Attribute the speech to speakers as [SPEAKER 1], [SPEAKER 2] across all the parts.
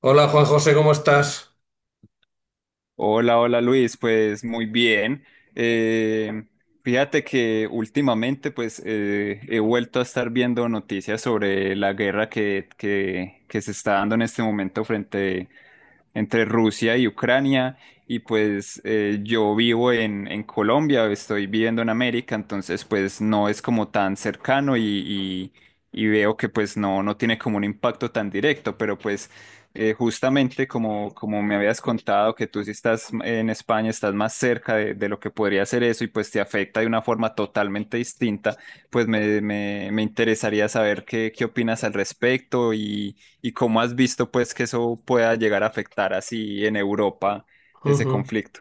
[SPEAKER 1] Hola Juan José, ¿cómo estás?
[SPEAKER 2] Hola, hola Luis, pues muy bien. Eh, Fíjate que últimamente pues he vuelto a estar viendo noticias sobre la guerra que se está dando en este momento frente entre Rusia y Ucrania. Y pues yo vivo en Colombia, estoy viviendo en América, entonces pues no es como tan cercano y veo que pues no, no tiene como un impacto tan directo, pero pues... justamente como me habías contado que tú si estás en España, estás más cerca de lo que podría ser eso y pues te afecta de una forma totalmente distinta, pues me interesaría saber qué opinas al respecto y cómo has visto pues que eso pueda llegar a afectar así en Europa ese
[SPEAKER 1] Ujú.
[SPEAKER 2] conflicto.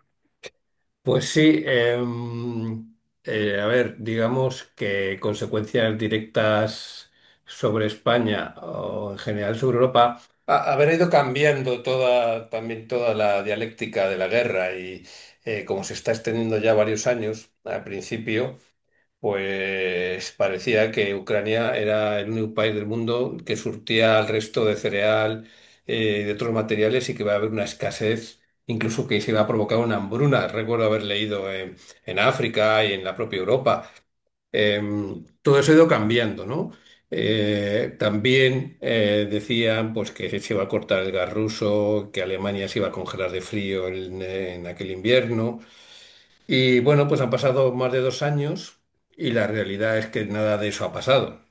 [SPEAKER 1] Pues sí, a ver, digamos que consecuencias directas sobre España o en general sobre Europa, haber ido cambiando toda, también toda la dialéctica de la guerra y como se está extendiendo ya varios años al principio. Pues parecía que Ucrania era el único país del mundo que surtía al resto de cereal, de otros materiales y que va a haber una escasez, incluso que se va a provocar una hambruna. Recuerdo haber leído en África y en la propia Europa. Todo eso ha ido cambiando, ¿no? También decían pues, que se iba a cortar el gas ruso, que Alemania se iba a congelar de frío en aquel invierno. Y bueno, pues han pasado más de 2 años y la realidad es que nada de eso ha pasado.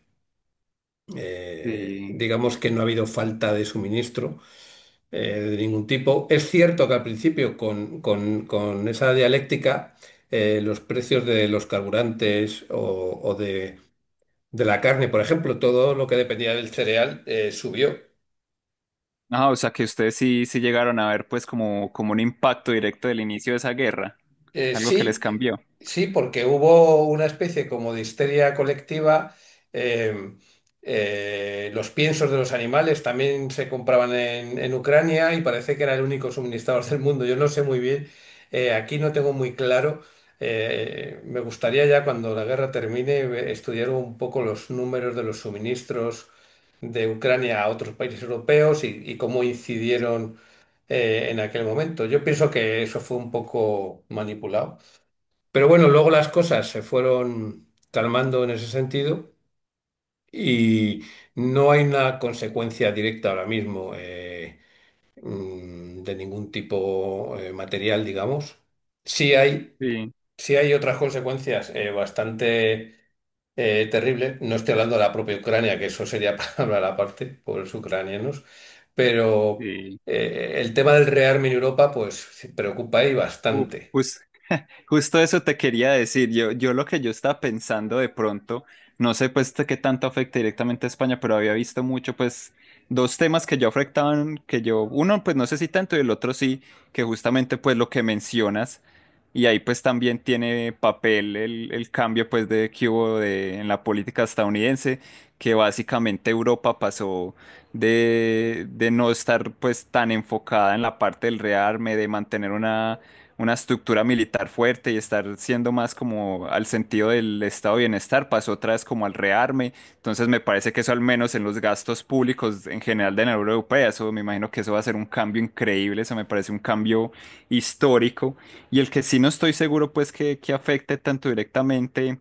[SPEAKER 2] Sí.
[SPEAKER 1] Digamos que no ha habido falta de suministro de ningún tipo. Es cierto que al principio con esa dialéctica los precios de los carburantes o de la carne, por ejemplo, todo lo que dependía del cereal subió.
[SPEAKER 2] Ah, o sea que ustedes sí, sí llegaron a ver pues como, como un impacto directo del inicio de esa guerra, algo que les
[SPEAKER 1] Sí,
[SPEAKER 2] cambió.
[SPEAKER 1] sí, porque hubo una especie como de histeria colectiva. em, los piensos de los animales también se compraban en Ucrania y parece que era el único suministrador del mundo. Yo no sé muy bien, aquí no tengo muy claro. Eh, me gustaría ya cuando la guerra termine estudiar un poco los números de los suministros de Ucrania a otros países europeos y cómo incidieron en aquel momento. Yo pienso que eso fue un poco manipulado. Pero bueno, luego las cosas se fueron calmando en ese sentido y no hay una consecuencia directa ahora mismo de ningún tipo material, digamos. Sí hay,
[SPEAKER 2] Sí,
[SPEAKER 1] sí hay otras consecuencias bastante terrible. No estoy hablando de la propia Ucrania, que eso sería para hablar aparte, pobres ucranianos, pero
[SPEAKER 2] sí.
[SPEAKER 1] el tema del rearme en Europa, pues sí, preocupa ahí
[SPEAKER 2] Uh,
[SPEAKER 1] bastante.
[SPEAKER 2] jus- justo eso te quería decir. Yo lo que yo estaba pensando de pronto, no sé pues de qué tanto afecta directamente a España, pero había visto mucho pues dos temas que yo afectaban, que yo, uno pues no sé si tanto y el otro sí, que justamente pues lo que mencionas. Y ahí pues también tiene papel el cambio pues de que hubo de, en la política estadounidense, que básicamente Europa pasó de no estar pues tan enfocada en la parte del rearme, de mantener una estructura militar fuerte y estar siendo más como al sentido del estado de bienestar, pasó otra vez como al rearme. Entonces me parece que eso al menos en los gastos públicos en general de la Unión Europea, eso me imagino que eso va a ser un cambio increíble, eso me parece un cambio histórico. Y el que sí no estoy seguro pues que afecte tanto directamente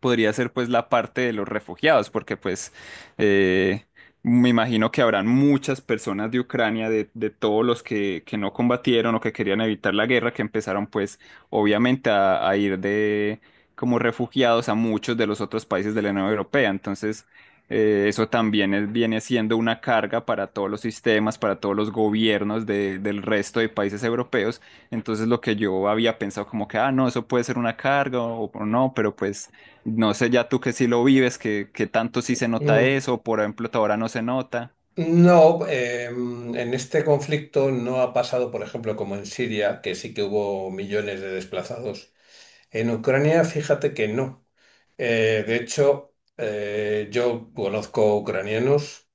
[SPEAKER 2] podría ser pues la parte de los refugiados, porque pues eh, me imagino que habrán muchas personas de Ucrania, de todos los que no combatieron o que querían evitar la guerra, que empezaron pues obviamente a ir de como refugiados a muchos de los otros países de la Unión Europea. Entonces, eso también viene siendo una carga para todos los sistemas, para todos los gobiernos del resto de países europeos. Entonces, lo que yo había pensado como que, ah, no, eso puede ser una carga o no, pero pues... No sé ya tú que sí lo vives, que tanto sí se nota
[SPEAKER 1] Mm,
[SPEAKER 2] eso, por ejemplo, ahora no se nota,
[SPEAKER 1] no, en este conflicto no ha pasado, por ejemplo, como en Siria, que sí que hubo millones de desplazados. En Ucrania, fíjate que no. De hecho, yo conozco ucranianos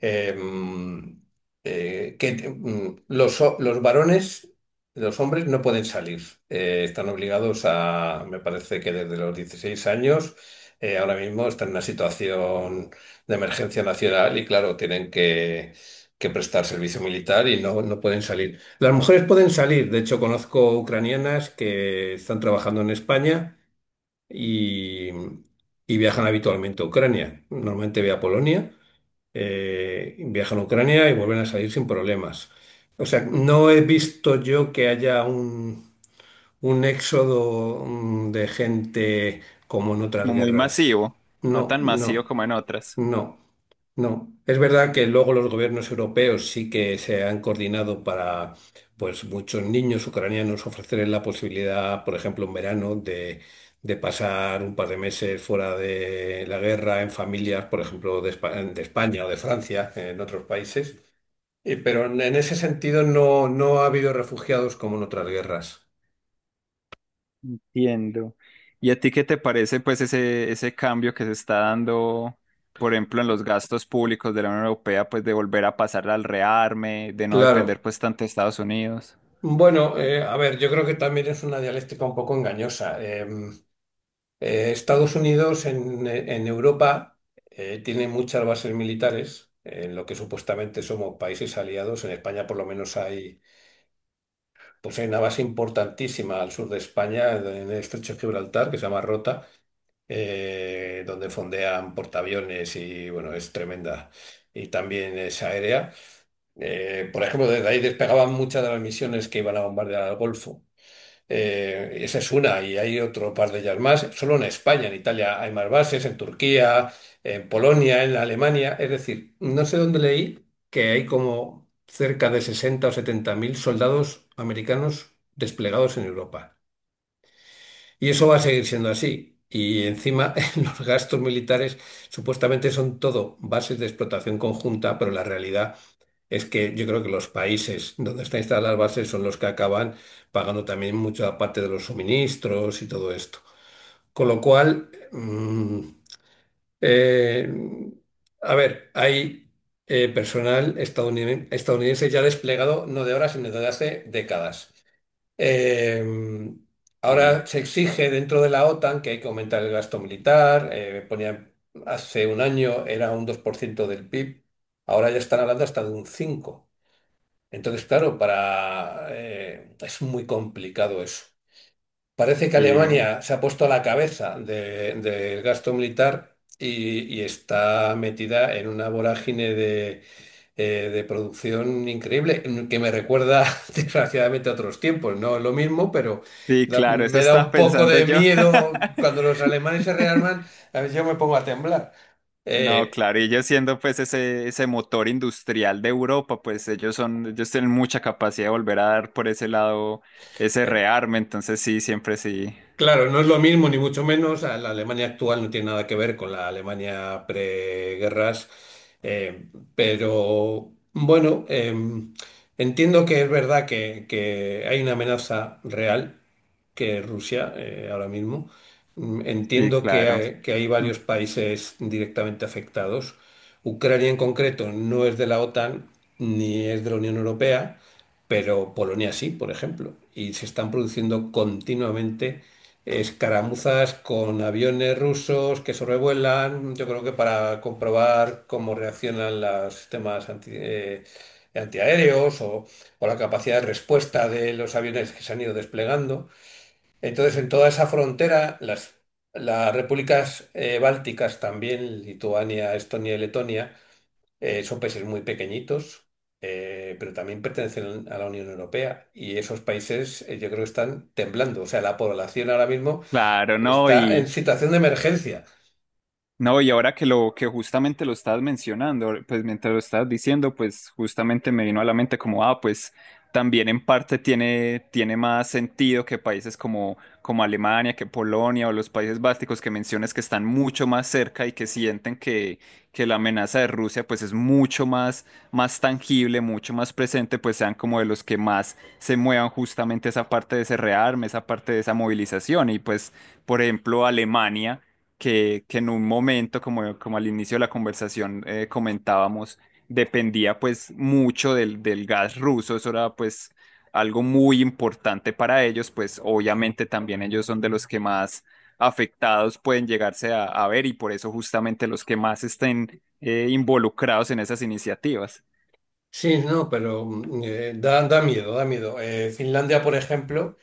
[SPEAKER 1] em, que te- mm, los, ho- los varones, los hombres no pueden salir. Están obligados a, me parece que desde los 16 años, ahora mismo están en una situación de emergencia nacional y claro, que prestar servicio militar y no, no pueden salir. Las mujeres pueden salir. De hecho, conozco ucranianas que están trabajando en España y, y viajan habitualmente a Ucrania. Normalmente ve a Polonia, viajan a Ucrania y vuelven a salir sin problemas. O sea, no he visto yo que haya un éxodo de gente como en otras
[SPEAKER 2] como muy
[SPEAKER 1] guerras.
[SPEAKER 2] masivo, no
[SPEAKER 1] No,
[SPEAKER 2] tan masivo
[SPEAKER 1] no,
[SPEAKER 2] como en otras.
[SPEAKER 1] no. No, es verdad que luego los gobiernos europeos sí que se han coordinado para, pues, muchos niños ucranianos ofrecerles la posibilidad, por ejemplo, en verano, de pasar un par de meses fuera de la guerra en familias, por ejemplo, de España o de Francia, en otros países. Pero en ese sentido no, no ha habido refugiados como en otras guerras.
[SPEAKER 2] Entiendo. ¿Y a ti qué te parece pues ese cambio que se está dando, por ejemplo, en los gastos públicos de la Unión Europea, pues de volver a pasar al rearme, de no depender
[SPEAKER 1] Claro.
[SPEAKER 2] pues tanto de Estados Unidos?
[SPEAKER 1] Bueno, a ver, yo creo que también es una dialéctica un poco engañosa. Estados Unidos en Europa tiene muchas bases militares, en lo que supuestamente somos países aliados. En España por lo menos hay, pues hay una base importantísima al sur de España, en el estrecho de Gibraltar, que se llama Rota, donde fondean portaaviones y bueno, es tremenda. Y también es aérea. Por ejemplo, desde ahí despegaban muchas de las misiones que iban a bombardear al Golfo. Esa es una, y hay otro par de ellas más. Solo en España, en Italia hay más bases, en Turquía, en Polonia, en Alemania. Es decir, no sé dónde leí que hay como cerca de 60 o 70 mil soldados americanos desplegados en Europa. Y eso va a seguir siendo así. Y encima los gastos militares supuestamente son todo bases de explotación conjunta, pero la realidad es que yo creo que los países donde están instaladas las bases son los que acaban pagando también mucha parte de los suministros y todo esto. Con lo cual, eh, a ver, hay personal estadounidense, ya desplegado no de ahora, sino de hace décadas. Eh,
[SPEAKER 2] Sí,
[SPEAKER 1] ahora se exige dentro de la OTAN que hay que aumentar el gasto militar. Hace un año era un 2% del PIB, ahora ya están hablando hasta de un 5%. Entonces, claro, para, es muy complicado eso. Parece que
[SPEAKER 2] sí,
[SPEAKER 1] Alemania se ha puesto a la cabeza del gasto militar y está metida en una vorágine de producción increíble, mm, que me recuerda desgraciadamente a otros tiempos. No es lo mismo, pero
[SPEAKER 2] sí, claro, eso
[SPEAKER 1] me da
[SPEAKER 2] estaba
[SPEAKER 1] un poco
[SPEAKER 2] pensando
[SPEAKER 1] de
[SPEAKER 2] yo.
[SPEAKER 1] miedo cuando los alemanes se rearman, a veces yo me pongo a temblar.
[SPEAKER 2] No,
[SPEAKER 1] Eh,
[SPEAKER 2] claro, y ellos siendo pues ese motor industrial de Europa, pues ellos son, ellos tienen mucha capacidad de volver a dar por ese lado ese
[SPEAKER 1] eh,
[SPEAKER 2] rearme, entonces sí, siempre sí,
[SPEAKER 1] Claro, no es lo mismo, ni mucho menos. A La Alemania actual no tiene nada que ver con la Alemania preguerras, eh, pero bueno, entiendo que es verdad que hay una amenaza real que Rusia ahora mismo. Mm,
[SPEAKER 2] sí,
[SPEAKER 1] entiendo
[SPEAKER 2] claro.
[SPEAKER 1] que hay
[SPEAKER 2] Mm,
[SPEAKER 1] varios países directamente afectados. Ucrania en concreto no es de la OTAN ni es de la Unión Europea, pero Polonia sí, por ejemplo. Y se están produciendo continuamente escaramuzas con aviones rusos que sobrevuelan, yo creo que para comprobar cómo reaccionan los sistemas antiaéreos o la capacidad de respuesta de los aviones que se han ido desplegando. Entonces, en toda esa frontera, las repúblicas bálticas también, Lituania, Estonia y Letonia, son países muy pequeñitos, pero también pertenecen a la Unión Europea y esos países yo creo que están temblando. O sea, la población ahora mismo
[SPEAKER 2] claro, no,
[SPEAKER 1] está en
[SPEAKER 2] y,
[SPEAKER 1] situación de emergencia.
[SPEAKER 2] no, y ahora que lo que justamente lo estás mencionando, pues mientras lo estás diciendo, pues justamente me vino a la mente como, ah, pues también en parte tiene, tiene más sentido que países como, como Alemania, que Polonia o los países bálticos que mencionas que están mucho más cerca y que sienten que la amenaza de Rusia pues es mucho más, más tangible, mucho más presente, pues sean como de los que más se muevan justamente esa parte de ese rearme, esa parte de esa movilización. Y pues, por ejemplo, Alemania que en un momento, como, como al inicio de la conversación comentábamos, dependía pues mucho del gas ruso, eso era pues algo muy importante para ellos, pues obviamente también ellos son de los que más afectados pueden llegarse a ver y por eso justamente los que más estén involucrados en esas iniciativas.
[SPEAKER 1] Sí, no, pero da, da miedo, da miedo. Finlandia, por ejemplo.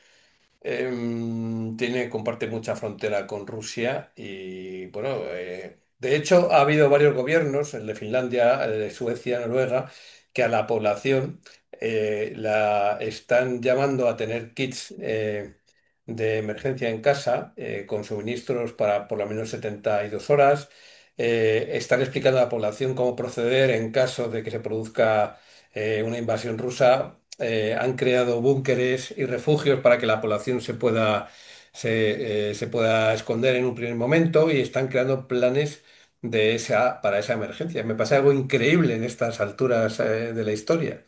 [SPEAKER 1] Tiene, comparte mucha frontera con Rusia y bueno, de hecho ha habido varios gobiernos, el de Finlandia, el de Suecia, Noruega, que a la población la están llamando a tener kits de emergencia en casa con suministros para por lo menos 72 horas. Están explicando a la población cómo proceder en caso de que se produzca una invasión rusa han creado búnkeres y refugios para que la población se pueda esconder en un primer momento y están creando planes para esa emergencia. Me pasa algo increíble en estas alturas, de la historia.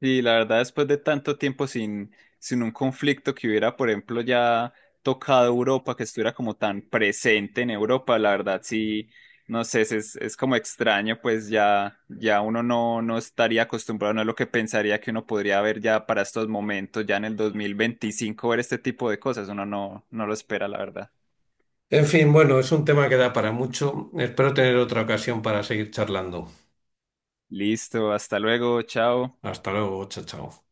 [SPEAKER 2] Sí, la verdad, después de tanto tiempo sin un conflicto que hubiera, por ejemplo, ya tocado Europa, que estuviera como tan presente en Europa, la verdad sí, no sé, es como extraño, pues ya, ya uno no, no estaría acostumbrado, no es lo que pensaría que uno podría ver ya para estos momentos, ya en el 2025 ver este tipo de cosas, uno no, no lo espera, la verdad.
[SPEAKER 1] En fin, bueno, es un tema que da para mucho. Espero tener otra ocasión para seguir charlando.
[SPEAKER 2] Listo, hasta luego, chao.
[SPEAKER 1] Hasta luego, chao, chao.